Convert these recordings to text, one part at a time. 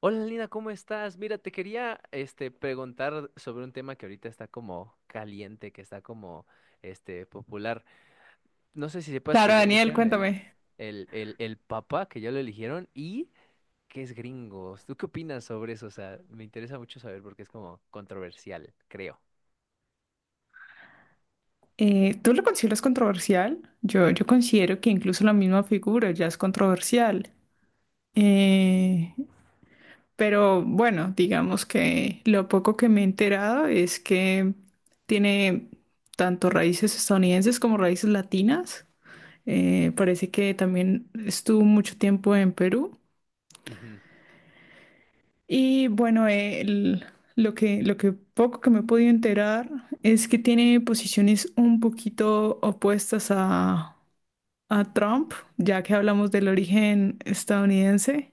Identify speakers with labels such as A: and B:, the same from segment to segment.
A: Hola Lina, ¿cómo estás? Mira, te quería preguntar sobre un tema que ahorita está como caliente, que está como popular. No sé si sepas
B: Claro,
A: que ya
B: Daniel,
A: eligieron el
B: cuéntame.
A: papa, que ya lo eligieron y que es gringos. ¿Tú qué opinas sobre eso? O sea, me interesa mucho saber porque es como controversial, creo.
B: ¿Tú lo consideras controversial? Yo considero que incluso la misma figura ya es controversial. Eh, pero bueno, digamos que lo poco que me he enterado es que tiene tanto raíces estadounidenses como raíces latinas. Parece que también estuvo mucho tiempo en Perú.
A: Ujú.
B: Y bueno, lo que poco que me he podido enterar es que tiene posiciones un poquito opuestas a Trump, ya que hablamos del origen estadounidense.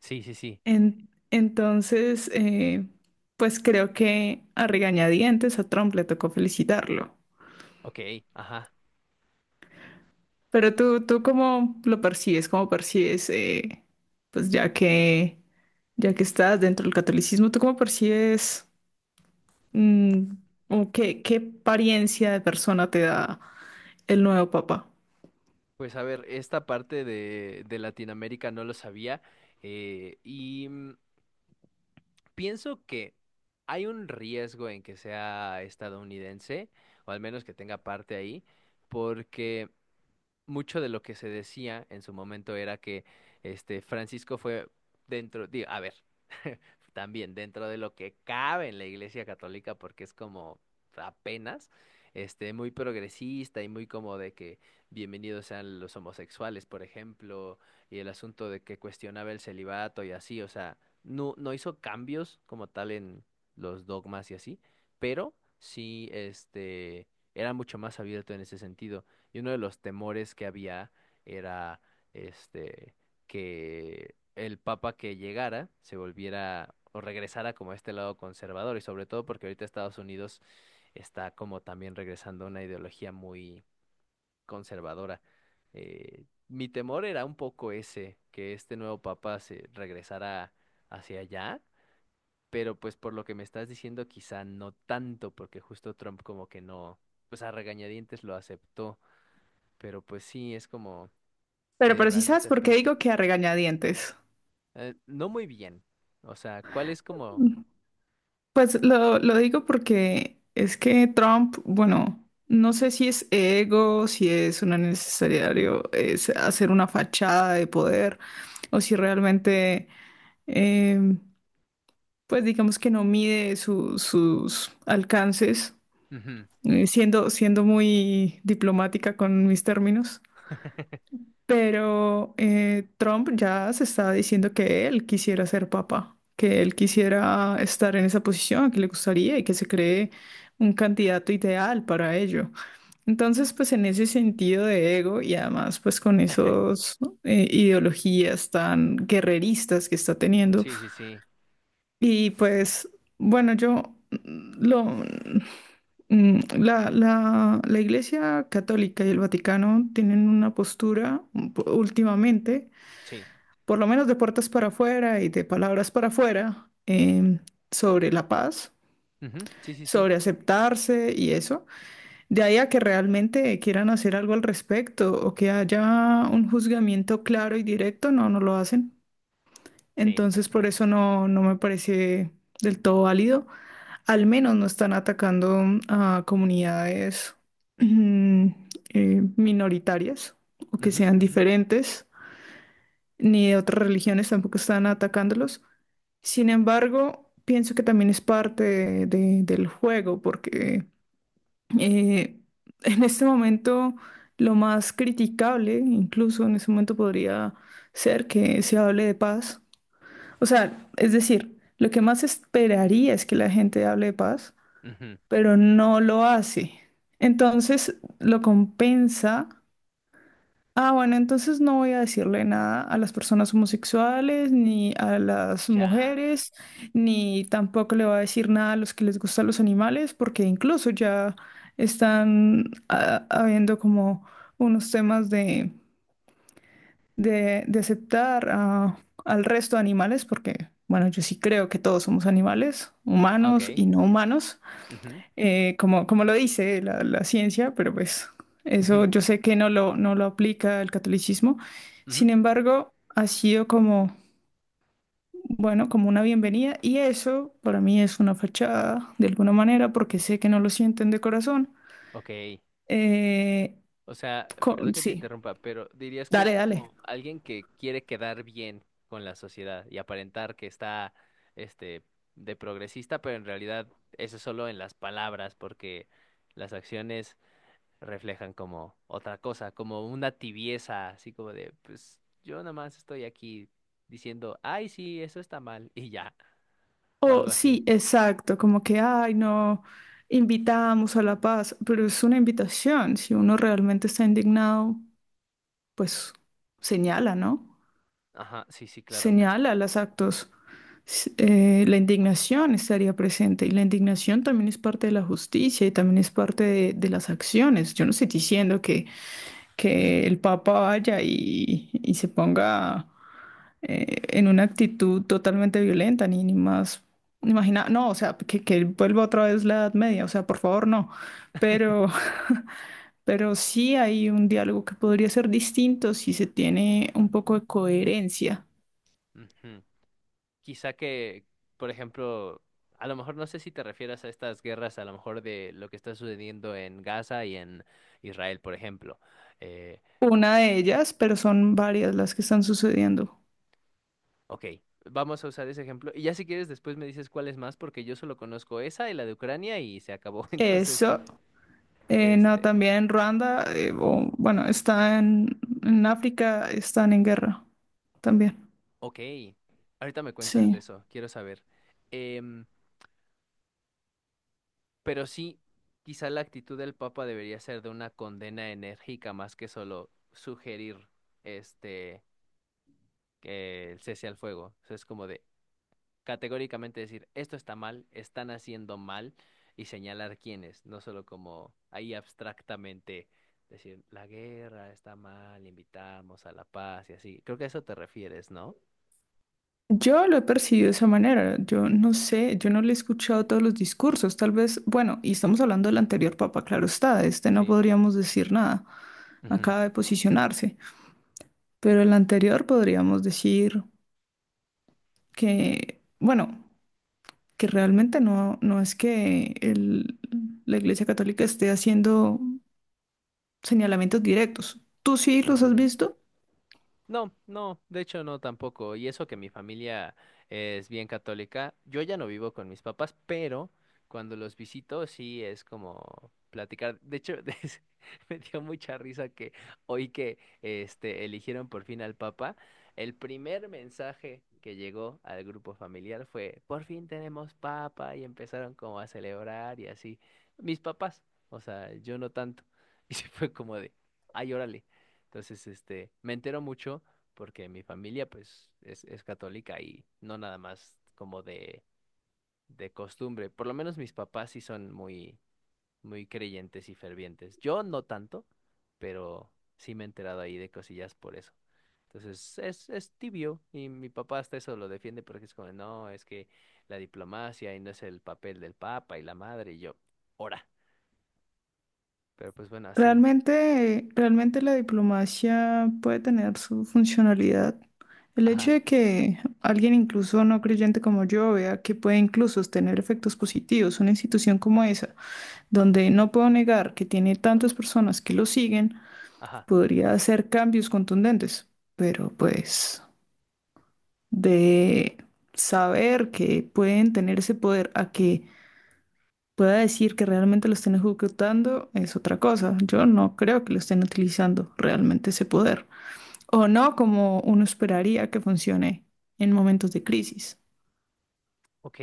A: Sí, sí, sí.
B: Entonces, pues creo que a regañadientes a Trump le tocó felicitarlo.
A: Ok, ajá.
B: Pero tú ¿cómo lo percibes? ¿Cómo percibes, pues ya que estás dentro del catolicismo, tú cómo percibes? Mm, ¿O qué, qué apariencia de persona te da el nuevo papá?
A: Pues a ver, esta parte de Latinoamérica no lo sabía, y pienso que hay un riesgo en que sea estadounidense, o al menos que tenga parte ahí, porque mucho de lo que se decía en su momento era que Francisco fue dentro, digo, a ver, también dentro de lo que cabe en la Iglesia Católica, porque es como apenas, muy progresista y muy como de que bienvenidos sean los homosexuales, por ejemplo, y el asunto de que cuestionaba el celibato y así. O sea, no, no hizo cambios como tal en los dogmas y así, pero sí, era mucho más abierto en ese sentido. Y uno de los temores que había era este que el papa que llegara se volviera o regresara como a este lado conservador, y sobre todo porque ahorita Estados Unidos está como también regresando a una ideología muy conservadora. Mi temor era un poco ese, que este nuevo papa se regresara hacia allá, pero pues por lo que me estás diciendo quizá no tanto, porque justo Trump como que no, pues a regañadientes lo aceptó. Pero pues sí, es como medio
B: Pero sí
A: raro en
B: sabes
A: ese
B: por qué
A: aspecto.
B: digo que a regañadientes.
A: No muy bien. O sea, ¿cuál es como...
B: Mm, Pues lo digo porque es que Trump, bueno, no sé si es ego, si es una necesario es hacer una fachada de poder, o si realmente, eh, pues digamos que no mide sus alcances,
A: Ujú.
B: siendo muy diplomática con mis términos. Pero Trump ya se está diciendo que él quisiera ser papa, que él quisiera estar en esa posición, que le gustaría y que se cree un candidato ideal para ello. Entonces, pues en ese sentido de ego y además pues con esos ¿no? Ideologías tan guerreristas que está teniendo.
A: Sí, sí, sí,
B: Y pues bueno, yo lo la Iglesia Católica y el Vaticano tienen una postura últimamente
A: sí.
B: por lo menos de puertas para afuera y de palabras para afuera, sobre la paz,
A: Ujú, sí, sí, sí,
B: sobre aceptarse y eso, de ahí a que realmente quieran hacer algo al respecto o que haya un juzgamiento claro y directo, no, no lo hacen.
A: sí.
B: Entonces, por eso no, no me parece del todo válido. Al menos no están atacando a comunidades mm, minoritarias o que
A: Ujú,
B: sean
A: ujú,
B: diferentes ni de otras religiones tampoco están atacándolos. Sin embargo, pienso que también es parte del juego, porque eh, en este momento lo más criticable, incluso en este momento podría ser que se hable de paz. O sea, es decir, lo que más esperaría es que la gente hable de paz,
A: ujú.
B: pero no lo hace. Entonces lo compensa. Ah, bueno, entonces no voy a decirle nada a las personas homosexuales, ni a las
A: Ya.
B: mujeres, ni tampoco le voy a decir nada a los que les gustan los animales, porque incluso ya están habiendo como unos temas de aceptar al resto de animales, porque, bueno, yo sí creo que todos somos animales,
A: Ah,
B: humanos
A: ok.
B: y no humanos
A: Ujú,
B: como, como lo dice la, la ciencia, pero pues
A: ujú,
B: eso yo sé que no lo, no lo aplica el catolicismo.
A: ujú.
B: Sin embargo, ha sido como, bueno, como una bienvenida y eso para mí es una fachada de alguna manera porque sé que no lo sienten de corazón.
A: Ok.
B: Eh,
A: O sea, perdón que te
B: sí,
A: interrumpa, pero dirías que es
B: dale, dale.
A: como alguien que quiere quedar bien con la sociedad y aparentar que está, este, de progresista, pero en realidad eso es solo en las palabras, porque las acciones reflejan como otra cosa, como una tibieza, así como de, pues yo nada más estoy aquí diciendo, ay, sí, eso está mal, y ya, o
B: O
A: algo así.
B: sí, exacto, como que, ay, no, invitamos a la paz, pero es una invitación. Si uno realmente está indignado, pues señala, ¿no?
A: Ajá, sí, sí, claro.
B: Señala los actos. La indignación estaría presente y la indignación también es parte de la justicia y también es parte de las acciones. Yo no estoy diciendo que el Papa vaya y se ponga en una actitud totalmente violenta, ni, ni más. Imagina, no, o sea, que vuelva otra vez la Edad Media, o sea, por favor, no. Pero, pero sí hay un diálogo que podría ser distinto si se tiene un poco de coherencia.
A: Ujú. Quizá que, por ejemplo, a lo mejor, no sé si te refieras a estas guerras, a lo mejor, de lo que está sucediendo en Gaza y en Israel, por ejemplo. Eh,
B: Una de ellas, pero son varias las que están sucediendo.
A: ok, vamos a usar ese ejemplo. Y ya si quieres, después me dices cuál es más, porque yo solo conozco esa y la de Ucrania y se acabó. Entonces,
B: Eso, no,
A: este,
B: también en Ruanda, bueno, está en África, están en guerra también.
A: ok, ahorita me cuentas de
B: Sí.
A: eso, quiero saber. Em, pero sí, quizá la actitud del Papa debería ser de una condena enérgica más que solo sugerir este que el cese al fuego. O sea, es como de categóricamente decir, esto está mal, están haciendo mal, y señalar quiénes, no solo como ahí abstractamente decir, la guerra está mal, invitamos a la paz y así. Creo que a eso te refieres, ¿no?
B: Yo lo he percibido de esa manera. Yo no sé, yo no le he escuchado todos los discursos. Tal vez, bueno, y estamos hablando del anterior papa, claro está, de este no
A: Sí.
B: podríamos decir nada.
A: Ujú,
B: Acaba de posicionarse. Pero el anterior podríamos decir que, bueno, que realmente no, no es que la Iglesia Católica esté haciendo señalamientos directos. ¿Tú sí los has
A: ujú.
B: visto?
A: No, no, de hecho no tampoco. Y eso que mi familia es bien católica. Yo ya no vivo con mis papás, pero cuando los visito sí es como platicar. De hecho, me dio mucha risa que hoy que eligieron por fin al Papa, el primer mensaje que llegó al grupo familiar fue, por fin tenemos Papa, y empezaron como a celebrar y así. Mis papás, o sea, yo no tanto. Y se fue como de, ay, órale. Entonces, me entero mucho porque mi familia, pues, es católica, y no nada más como de costumbre. Por lo menos mis papás sí son muy, muy creyentes y fervientes. Yo no tanto, pero sí me he enterado ahí de cosillas por eso. Entonces, es tibio, y mi papá hasta eso lo defiende porque es como, no, es que la diplomacia, y no es el papel del papa y la madre, y yo, ora. Pero pues bueno, así,
B: Realmente, realmente la diplomacia puede tener su funcionalidad. El hecho
A: ajá,
B: de que alguien incluso no creyente como yo vea que puede incluso tener efectos positivos, una institución como esa, donde no puedo negar que tiene tantas personas que lo siguen,
A: ajá.
B: podría hacer cambios contundentes, pero pues... de saber que pueden tener ese poder a que pueda decir que realmente lo estén ejecutando es otra cosa. Yo no creo que lo estén utilizando realmente ese poder. O no como uno esperaría que funcione en momentos de crisis.
A: Ok.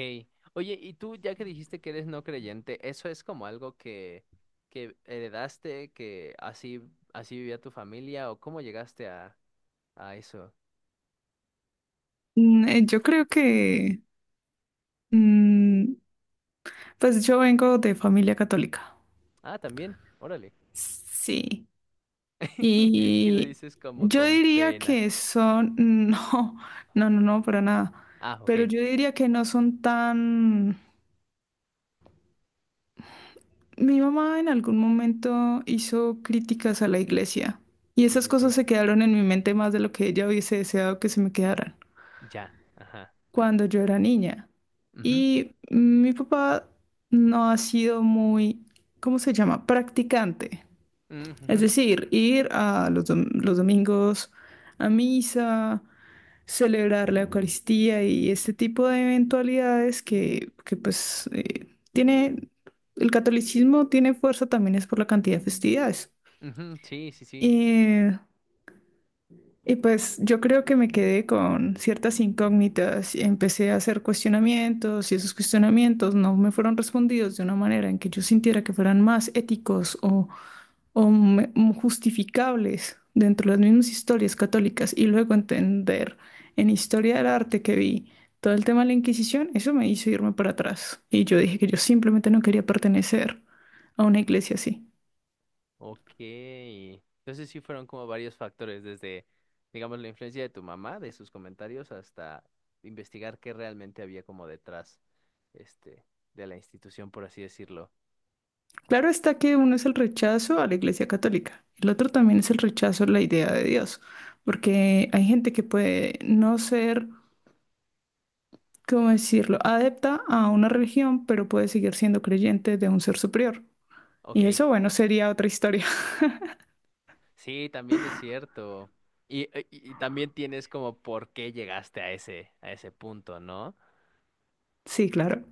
A: Oye, y tú, ya que dijiste que eres no creyente, ¿eso es como algo que heredaste, que así, así vivía tu familia, o cómo llegaste a eso?
B: Yo creo que, mm, pues yo vengo de familia católica.
A: Ah, también, órale.
B: Sí.
A: Y lo
B: Y
A: dices como
B: yo
A: con
B: diría
A: pena.
B: que son, no, para nada.
A: Ah, ok.
B: Pero yo diría que no son tan... Mi mamá en algún momento hizo críticas a la iglesia y
A: Sí,
B: esas
A: sí,
B: cosas
A: sí.
B: se quedaron en mi mente más de lo que ella hubiese deseado que se me quedaran
A: Ya. Ajá.
B: cuando yo era niña.
A: Ujú.
B: Y mi papá no ha sido muy, ¿cómo se llama? Practicante.
A: Mm, ujú.
B: Es decir, ir a los, los domingos a misa, celebrar la Eucaristía y este tipo de eventualidades que, pues tiene, el catolicismo tiene fuerza también es por la cantidad de festividades.
A: Ujú. Sí, sí, sí.
B: Y, y pues yo creo que me quedé con ciertas incógnitas y empecé a hacer cuestionamientos y esos cuestionamientos no me fueron respondidos de una manera en que yo sintiera que fueran más éticos o justificables dentro de las mismas historias católicas y luego entender en historia del arte que vi todo el tema de la Inquisición, eso me hizo irme para atrás. Y yo dije que yo simplemente no quería pertenecer a una iglesia así.
A: Ok. Entonces sí fueron como varios factores, desde, digamos, la influencia de tu mamá, de sus comentarios, hasta investigar qué realmente había como detrás, este, de la institución, por así decirlo.
B: Claro está que uno es el rechazo a la iglesia católica, el otro también es el rechazo a la idea de Dios, porque hay gente que puede no ser, ¿cómo decirlo?, adepta a una religión, pero puede seguir siendo creyente de un ser superior.
A: Ok,
B: Y eso, bueno, sería otra historia.
A: sí, también es cierto. Y también tienes como por qué llegaste a ese, punto, ¿no?
B: Sí, claro.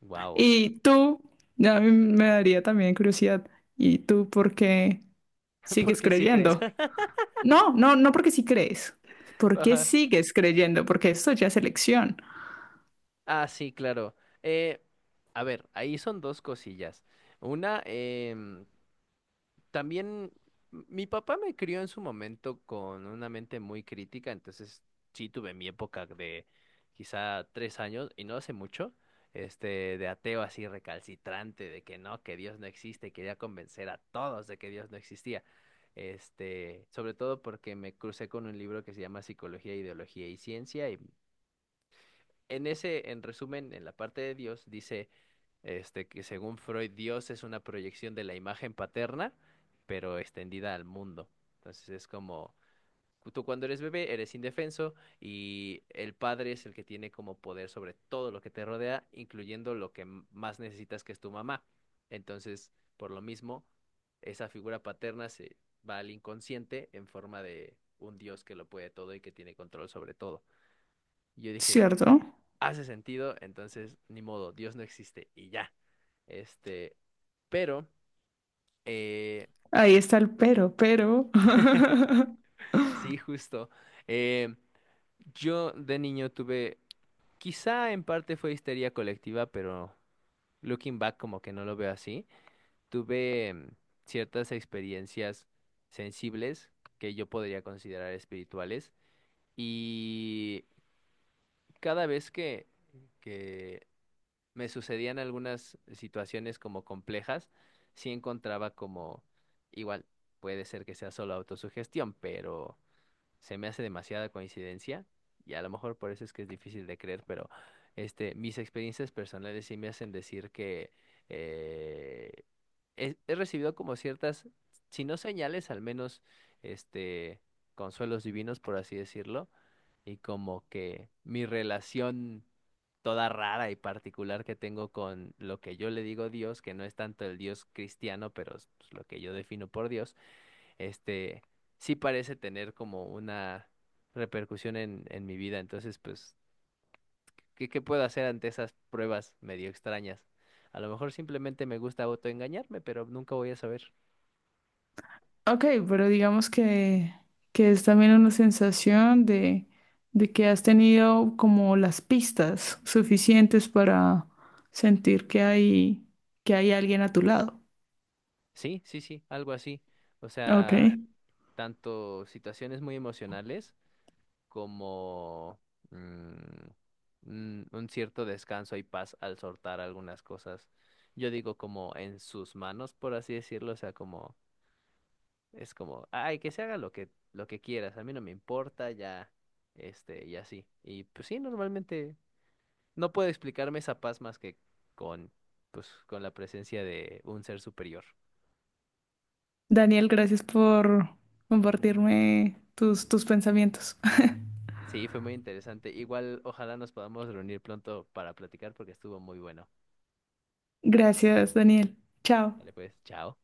A: Wow.
B: Y tú, a mí me daría también curiosidad. ¿Y tú por qué
A: ¿Por
B: sigues
A: qué sí crees?
B: creyendo? No, no, no porque sí crees. ¿Por qué
A: Ajá.
B: sigues creyendo? Porque esto ya es elección,
A: Ah, sí, claro. Eh, a ver, ahí son dos cosillas. Una, también mi papá me crió en su momento con una mente muy crítica, entonces sí tuve mi época de quizá 3 años, y no hace mucho, de ateo así recalcitrante, de que no, que Dios no existe, y quería convencer a todos de que Dios no existía. Sobre todo porque me crucé con un libro que se llama Psicología, Ideología y Ciencia, y en ese, en resumen, en la parte de Dios, dice que según Freud, Dios es una proyección de la imagen paterna, pero extendida al mundo. Entonces es como, tú cuando eres bebé eres indefenso, y el padre es el que tiene como poder sobre todo lo que te rodea, incluyendo lo que más necesitas, que es tu mamá. Entonces, por lo mismo, esa figura paterna se va al inconsciente en forma de un Dios que lo puede todo y que tiene control sobre todo. Y yo dije,
B: ¿cierto?
A: hace sentido, entonces ni modo, Dios no existe y ya. Este, pero, eh,
B: Ahí está el pero, pero.
A: sí, justo. eh, yo de niño tuve, quizá en parte fue histeria colectiva, pero looking back como que no lo veo así. Tuve ciertas experiencias sensibles que yo podría considerar espirituales, y cada vez que me sucedían algunas situaciones como complejas, sí encontraba como, igual, puede ser que sea solo autosugestión, pero se me hace demasiada coincidencia, y a lo mejor por eso es que es difícil de creer, pero mis experiencias personales sí me hacen decir que eh, he recibido como ciertas, si no señales, al menos este, consuelos divinos, por así decirlo. Y como que mi relación toda rara y particular que tengo con lo que yo le digo Dios, que no es tanto el Dios cristiano, pero es, pues, lo que yo defino por Dios, este sí parece tener como una repercusión en mi vida. Entonces, pues, ¿qué puedo hacer ante esas pruebas medio extrañas? A lo mejor simplemente me gusta autoengañarme, pero nunca voy a saber.
B: Ok, pero digamos que es también una sensación de que has tenido como las pistas suficientes para sentir que hay alguien a tu lado.
A: Sí, sí, sí, algo así. O
B: Ok.
A: sea, tanto situaciones muy emocionales como mm, un cierto descanso y paz al soltar algunas cosas. Yo digo como en sus manos, por así decirlo. O sea, como es como, ay, que se haga lo que quieras, a mí no me importa, ya y así. Y pues sí, normalmente no puedo explicarme esa paz más que con con la presencia de un ser superior.
B: Daniel, gracias por compartirme tus, tus pensamientos.
A: Sí, fue muy interesante. Igual, ojalá nos podamos reunir pronto para platicar porque estuvo muy bueno.
B: Gracias, Daniel. Chao.
A: Vale, pues, chao.